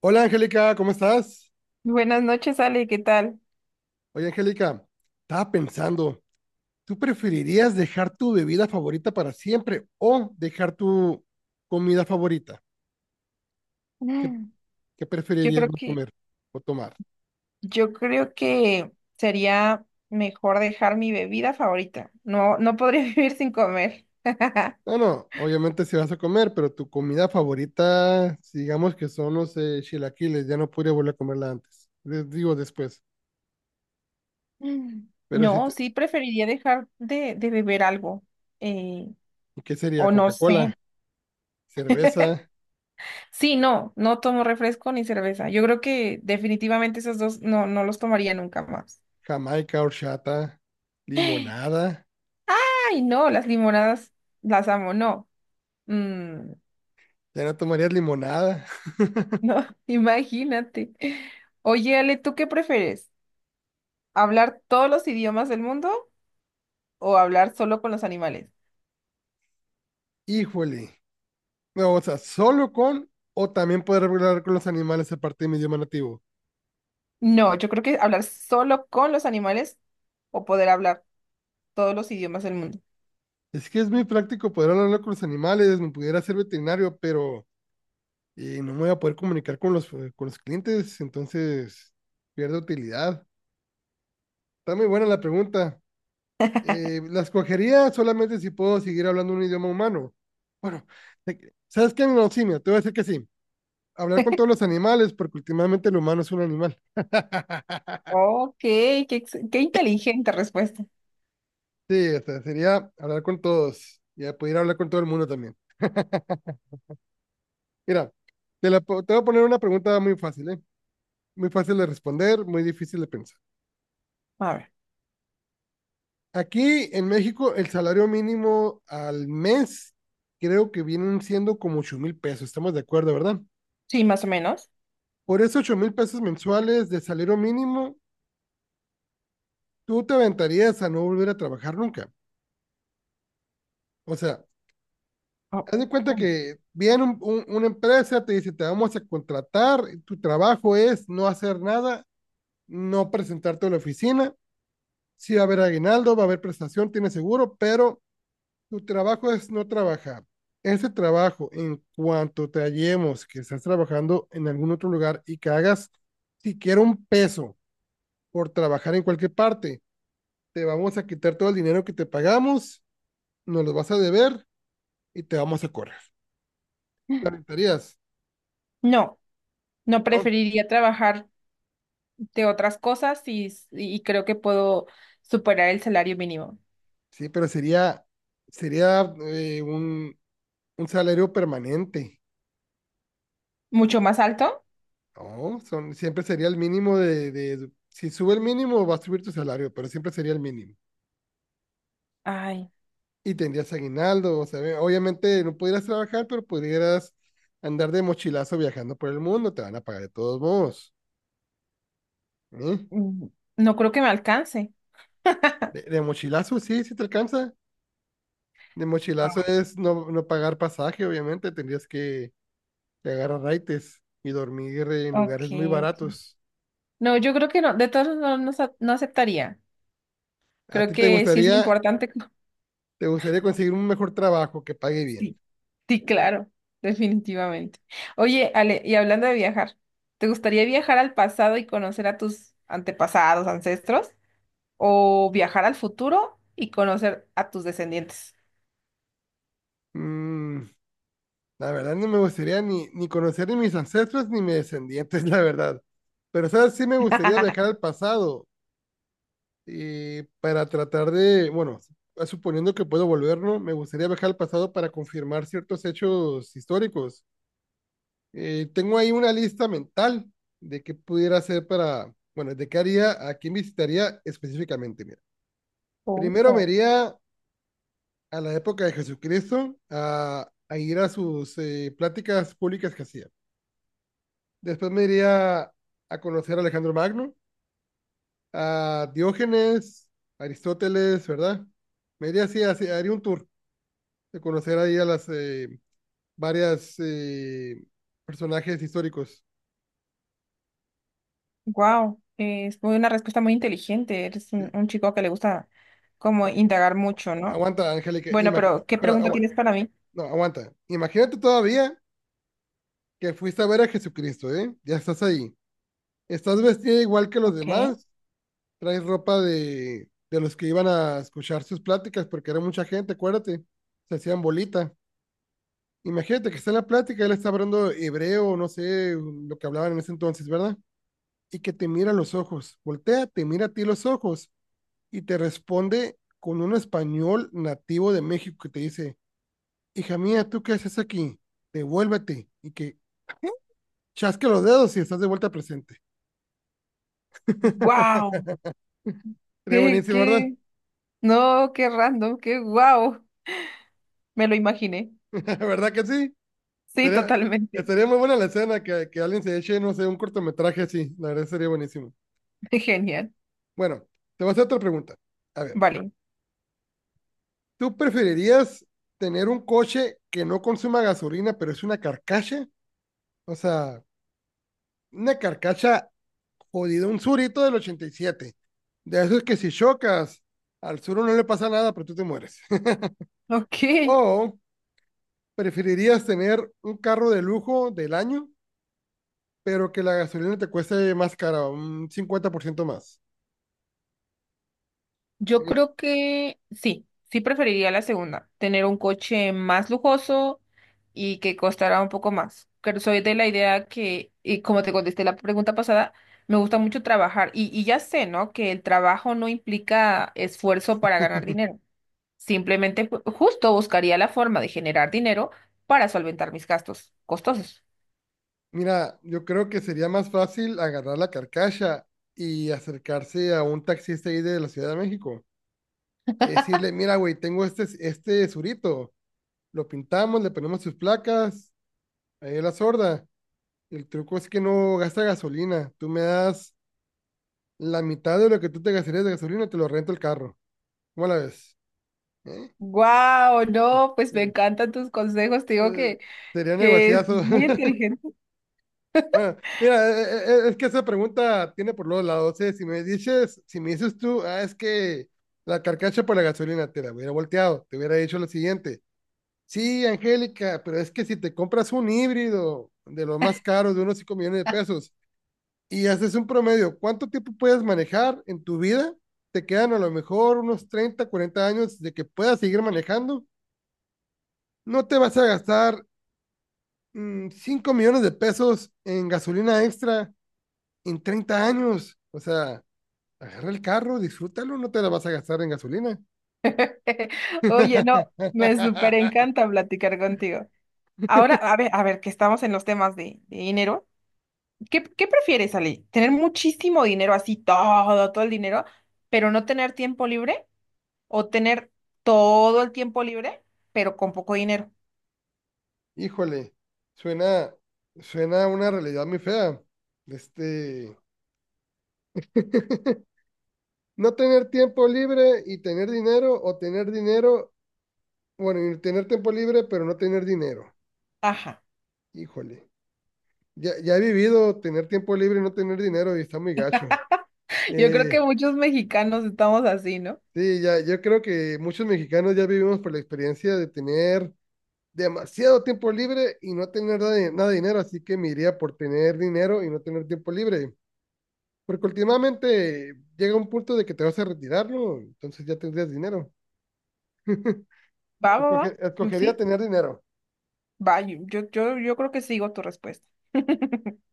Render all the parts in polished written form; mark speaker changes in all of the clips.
Speaker 1: Hola Angélica, ¿cómo estás?
Speaker 2: Buenas noches, Ale, ¿qué tal?
Speaker 1: Oye Angélica, estaba pensando, ¿tú preferirías dejar tu bebida favorita para siempre o dejar tu comida favorita? ¿Qué,
Speaker 2: Mm.
Speaker 1: qué
Speaker 2: Yo
Speaker 1: preferirías
Speaker 2: creo
Speaker 1: no
Speaker 2: que,
Speaker 1: comer o tomar?
Speaker 2: yo creo que sería mejor dejar mi bebida favorita. No, no podría vivir sin comer.
Speaker 1: No, no, obviamente si vas a comer, pero tu comida favorita, si digamos que son los chilaquiles, ya no podría volver a comerla antes. Les digo después.
Speaker 2: Mm.
Speaker 1: Pero si
Speaker 2: No,
Speaker 1: te-
Speaker 2: sí preferiría dejar de beber algo. eh,
Speaker 1: ¿qué sería?
Speaker 2: o no
Speaker 1: Coca-Cola,
Speaker 2: sé.
Speaker 1: cerveza,
Speaker 2: Sí, no, no tomo refresco ni cerveza. Yo creo que definitivamente esos dos no, no los tomaría nunca más.
Speaker 1: Jamaica, horchata,
Speaker 2: Ay,
Speaker 1: limonada.
Speaker 2: no, las limonadas las amo, no. Mm,
Speaker 1: Ya no tomarías limonada.
Speaker 2: No, imagínate. Oye, Ale, ¿tú qué prefieres? ¿Hablar todos los idiomas del mundo o hablar solo con los animales?
Speaker 1: Híjole. No, o sea, solo con o también poder hablar con los animales aparte de mi idioma nativo.
Speaker 2: No, yo creo que hablar solo con los animales o poder hablar todos los idiomas del mundo.
Speaker 1: Es que es muy práctico poder hablar con los animales, me pudiera ser veterinario, pero no me voy a poder comunicar con los clientes, entonces pierdo utilidad. Está muy buena la pregunta. La escogería solamente si puedo seguir hablando un idioma humano. Bueno, ¿sabes qué? No, sí, mira, te voy a decir que sí. Hablar con todos los animales, porque últimamente el humano es un animal.
Speaker 2: Ok, qué, ex- qué inteligente respuesta.
Speaker 1: Sí, o sea, sería hablar con todos y poder hablar con todo el mundo también. Mira, te voy a poner una pregunta muy fácil, ¿eh? Muy fácil de responder, muy difícil de pensar.
Speaker 2: A ver,
Speaker 1: Aquí en México, el salario mínimo al mes creo que vienen siendo como 8,000 pesos, estamos de acuerdo, ¿verdad?
Speaker 2: sí, más o menos.
Speaker 1: Por esos 8,000 pesos mensuales de salario mínimo, tú te aventarías a no volver a trabajar nunca. O sea,
Speaker 2: Oh,
Speaker 1: haz de cuenta
Speaker 2: ¿cómo?
Speaker 1: que viene una empresa, te dice, te vamos a contratar, tu trabajo es no hacer nada, no presentarte a la oficina. Sí va a haber aguinaldo, va a haber prestación, tiene seguro, pero tu trabajo es no trabajar. Ese trabajo, en cuanto te hallemos que estás trabajando en algún otro lugar y que hagas siquiera un peso por trabajar en cualquier parte, te vamos a quitar todo el dinero que te pagamos, nos lo vas a deber y te vamos a correr. ¿Lamentarías?
Speaker 2: No, no
Speaker 1: ¿No?
Speaker 2: preferiría trabajar de otras cosas y creo que puedo superar el salario mínimo.
Speaker 1: Sí, pero sería un salario permanente.
Speaker 2: ¿Mucho más alto?
Speaker 1: No, son, siempre sería el mínimo. Si sube el mínimo va a subir tu salario, pero siempre sería el mínimo.
Speaker 2: Ay,
Speaker 1: Y tendrías aguinaldo, o sea, obviamente no pudieras trabajar, pero pudieras andar de mochilazo viajando por el mundo, te van a pagar de todos modos, ¿eh?
Speaker 2: mm, no creo que me alcance.
Speaker 1: De mochilazo, sí, sí te alcanza. De mochilazo es no, no pagar pasaje, obviamente, tendrías que agarrar raites y dormir en lugares muy
Speaker 2: Okay, ok.
Speaker 1: baratos.
Speaker 2: No, yo creo que no, de todos modos no, no sa- no aceptaría.
Speaker 1: ¿A
Speaker 2: Creo
Speaker 1: ti te
Speaker 2: que sí es
Speaker 1: gustaría,
Speaker 2: importante. Co-
Speaker 1: te gustaría conseguir un mejor trabajo que pague bien?
Speaker 2: Sí, sí, claro, definitivamente. Oye, Ale, y hablando de viajar, ¿te gustaría viajar al pasado y conocer a tus antepasados, ancestros? ¿O viajar al futuro y conocer a tus descendientes?
Speaker 1: Mm, La verdad no me gustaría ni conocer ni mis ancestros ni mis descendientes, la verdad. Pero, ¿sabes? Sí me gustaría viajar al pasado y para tratar de, bueno, suponiendo que puedo volverlo, me gustaría viajar al pasado para confirmar ciertos hechos históricos. Tengo ahí una lista mental de qué pudiera hacer para, bueno, de qué haría, a quién visitaría específicamente. Mira, primero me
Speaker 2: Oh.
Speaker 1: iría a la época de Jesucristo a ir a sus pláticas públicas que hacía. Después me iría a conocer a Alejandro Magno, a Diógenes, a Aristóteles, ¿verdad? Me iría así, así, haría un tour de conocer ahí a las varias personajes históricos.
Speaker 2: Wow, es muy- una respuesta muy inteligente. Eres
Speaker 1: Sí.
Speaker 2: un chico que le gusta como indagar mucho, ¿no?
Speaker 1: Aguanta, Angélica,
Speaker 2: Bueno, pero ¿qué
Speaker 1: espera,
Speaker 2: pregunta tienes para mí?
Speaker 1: no, aguanta. Imagínate todavía que fuiste a ver a Jesucristo, ¿eh? Ya estás ahí. Estás vestida igual que los
Speaker 2: Ok.
Speaker 1: demás, traes ropa de los que iban a escuchar sus pláticas, porque era mucha gente, acuérdate, se hacían bolita. Imagínate que está en la plática, él está hablando hebreo, no sé lo que hablaban en ese entonces, ¿verdad? Y que te mira a los ojos, voltea, te mira a ti los ojos y te responde con un español nativo de México que te dice, hija mía, ¿tú qué haces aquí? Devuélvete y que chasque los dedos y estás de vuelta presente.
Speaker 2: Wow.
Speaker 1: Sería
Speaker 2: Qué,
Speaker 1: buenísimo, ¿verdad?
Speaker 2: qué, no, qué random, qué guau. Me lo imaginé.
Speaker 1: ¿Verdad que sí?
Speaker 2: Sí,
Speaker 1: Sería,
Speaker 2: totalmente.
Speaker 1: estaría muy buena la escena que alguien se eche, no sé, un cortometraje así, la verdad sería buenísimo.
Speaker 2: Genial.
Speaker 1: Bueno, te voy a hacer otra pregunta. A ver.
Speaker 2: Vale.
Speaker 1: ¿Tú preferirías tener un coche que no consuma gasolina, pero es una carcacha? O sea, una carcacha jodida, un surito del 87. De eso es que si chocas, al suro no le pasa nada, pero tú te mueres.
Speaker 2: Ok.
Speaker 1: O preferirías tener un carro de lujo del año, pero que la gasolina te cueste más cara, un 50% más.
Speaker 2: Yo
Speaker 1: Eh,
Speaker 2: creo que sí, sí preferiría la segunda, tener un coche más lujoso y que costará un poco más. Pero soy de la idea que, y como te contesté la pregunta pasada, me gusta mucho trabajar. Y ya sé, ¿no? Que el trabajo no implica esfuerzo para ganar dinero. Simplemente, ju- justo buscaría la forma de generar dinero para solventar mis gastos costosos.
Speaker 1: Mira, yo creo que sería más fácil agarrar la carcacha y acercarse a un taxista ahí de la Ciudad de México, es decirle, mira, güey, tengo este surito, lo pintamos, le ponemos sus placas, ahí la sorda. El truco es que no gasta gasolina. Tú me das la mitad de lo que tú te gastarías de gasolina, te lo rento el carro. ¿Cómo la ves? ¿Eh?
Speaker 2: Wow, no, pues me
Speaker 1: Eh,
Speaker 2: encantan tus consejos, te digo
Speaker 1: eh, Sería
Speaker 2: que es
Speaker 1: negociazo.
Speaker 2: muy inteligente.
Speaker 1: Mira, es que esa pregunta tiene por los lados. Si me dices tú, es que la carcacha por la gasolina te la hubiera volteado, te hubiera dicho lo siguiente. Sí, Angélica, pero es que si te compras un híbrido de los más caros, de unos 5 millones de pesos, y haces un promedio, ¿cuánto tiempo puedes manejar en tu vida? Te quedan a lo mejor unos 30, 40 años de que puedas seguir manejando. No te vas a gastar 5 millones de pesos en gasolina extra en 30 años. O sea, agarra el carro, disfrútalo, no te la vas a gastar en gasolina.
Speaker 2: Oye, no, me súper encanta platicar contigo. Ahora, a ver, que estamos en los temas de dinero. ¿Qué, qué prefieres, Ale? ¿Tener muchísimo dinero, así todo, todo el dinero, pero no tener tiempo libre? ¿O tener todo el tiempo libre, pero con poco dinero?
Speaker 1: Híjole, suena, suena a una realidad muy fea. Este, no tener tiempo libre y tener dinero, o tener dinero, bueno, y tener tiempo libre, pero no tener dinero.
Speaker 2: Ajá.
Speaker 1: Híjole, ya, ya he vivido tener tiempo libre y no tener dinero y está muy gacho.
Speaker 2: Yo creo
Speaker 1: Eh,
Speaker 2: que muchos mexicanos estamos así, ¿no?
Speaker 1: sí, ya, yo creo que muchos mexicanos ya vivimos por la experiencia de tener demasiado tiempo libre y no tener nada de dinero, así que me iría por tener dinero y no tener tiempo libre. Porque últimamente llega un punto de que te vas a retirar, ¿no? Entonces ya tendrías dinero.
Speaker 2: Va, va, va. Mm, sí,
Speaker 1: Escogería tener dinero.
Speaker 2: va. Yo creo que sigo tu respuesta.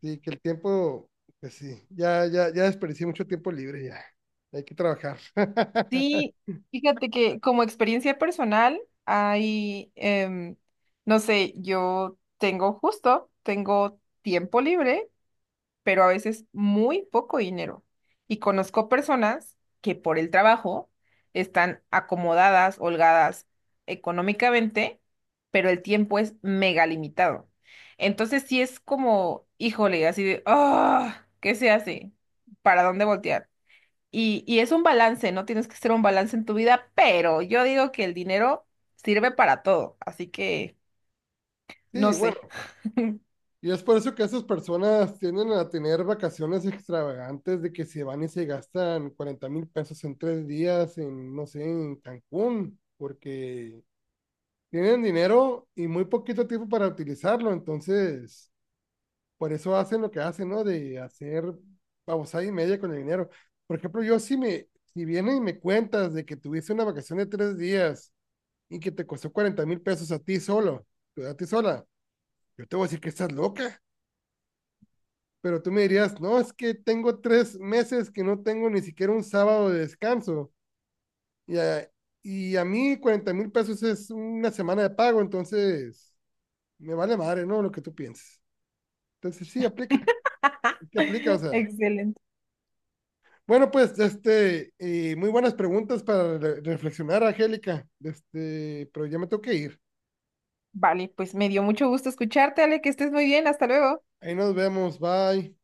Speaker 1: Sí, que el tiempo, pues sí, ya, ya, ya desperdicié mucho tiempo libre ya. Hay que trabajar.
Speaker 2: Sí, fíjate que como experiencia personal, hay, no sé, yo tengo justo, tengo tiempo libre pero a veces muy poco dinero. Y conozco personas que por el trabajo están acomodadas, holgadas económicamente, pero el tiempo es mega limitado. Entonces sí es como, híjole, así de, ah, ¿qué se hace? ¿Para dónde voltear? Y es un balance, ¿no? Tienes que hacer un balance en tu vida, pero yo digo que el dinero sirve para todo, así que
Speaker 1: Sí,
Speaker 2: no
Speaker 1: bueno,
Speaker 2: sé.
Speaker 1: y es por eso que esas personas tienden a tener vacaciones extravagantes de que se van y se gastan 40,000 pesos en 3 días en, no sé, en Cancún, porque tienen dinero y muy poquito tiempo para utilizarlo, entonces por eso hacen lo que hacen, ¿no? De hacer babosada y media con el dinero. Por ejemplo, yo si vienen y me cuentas de que tuviste una vacación de 3 días y que te costó 40,000 pesos a ti solo, pues, a ti sola, yo te voy a decir que estás loca. Pero tú me dirías, no, es que tengo 3 meses que no tengo ni siquiera un sábado de descanso. Y a, y a mí 40,000 pesos es una semana de pago, entonces me vale madre, ¿no? Lo que tú pienses. Entonces sí aplica, o sea,
Speaker 2: Excelente.
Speaker 1: bueno, pues, y muy buenas preguntas para reflexionar, Angélica. Pero ya me tengo que ir.
Speaker 2: Vale, pues me dio mucho gusto escucharte, Ale, que estés muy bien, hasta luego.
Speaker 1: Ahí nos vemos, bye.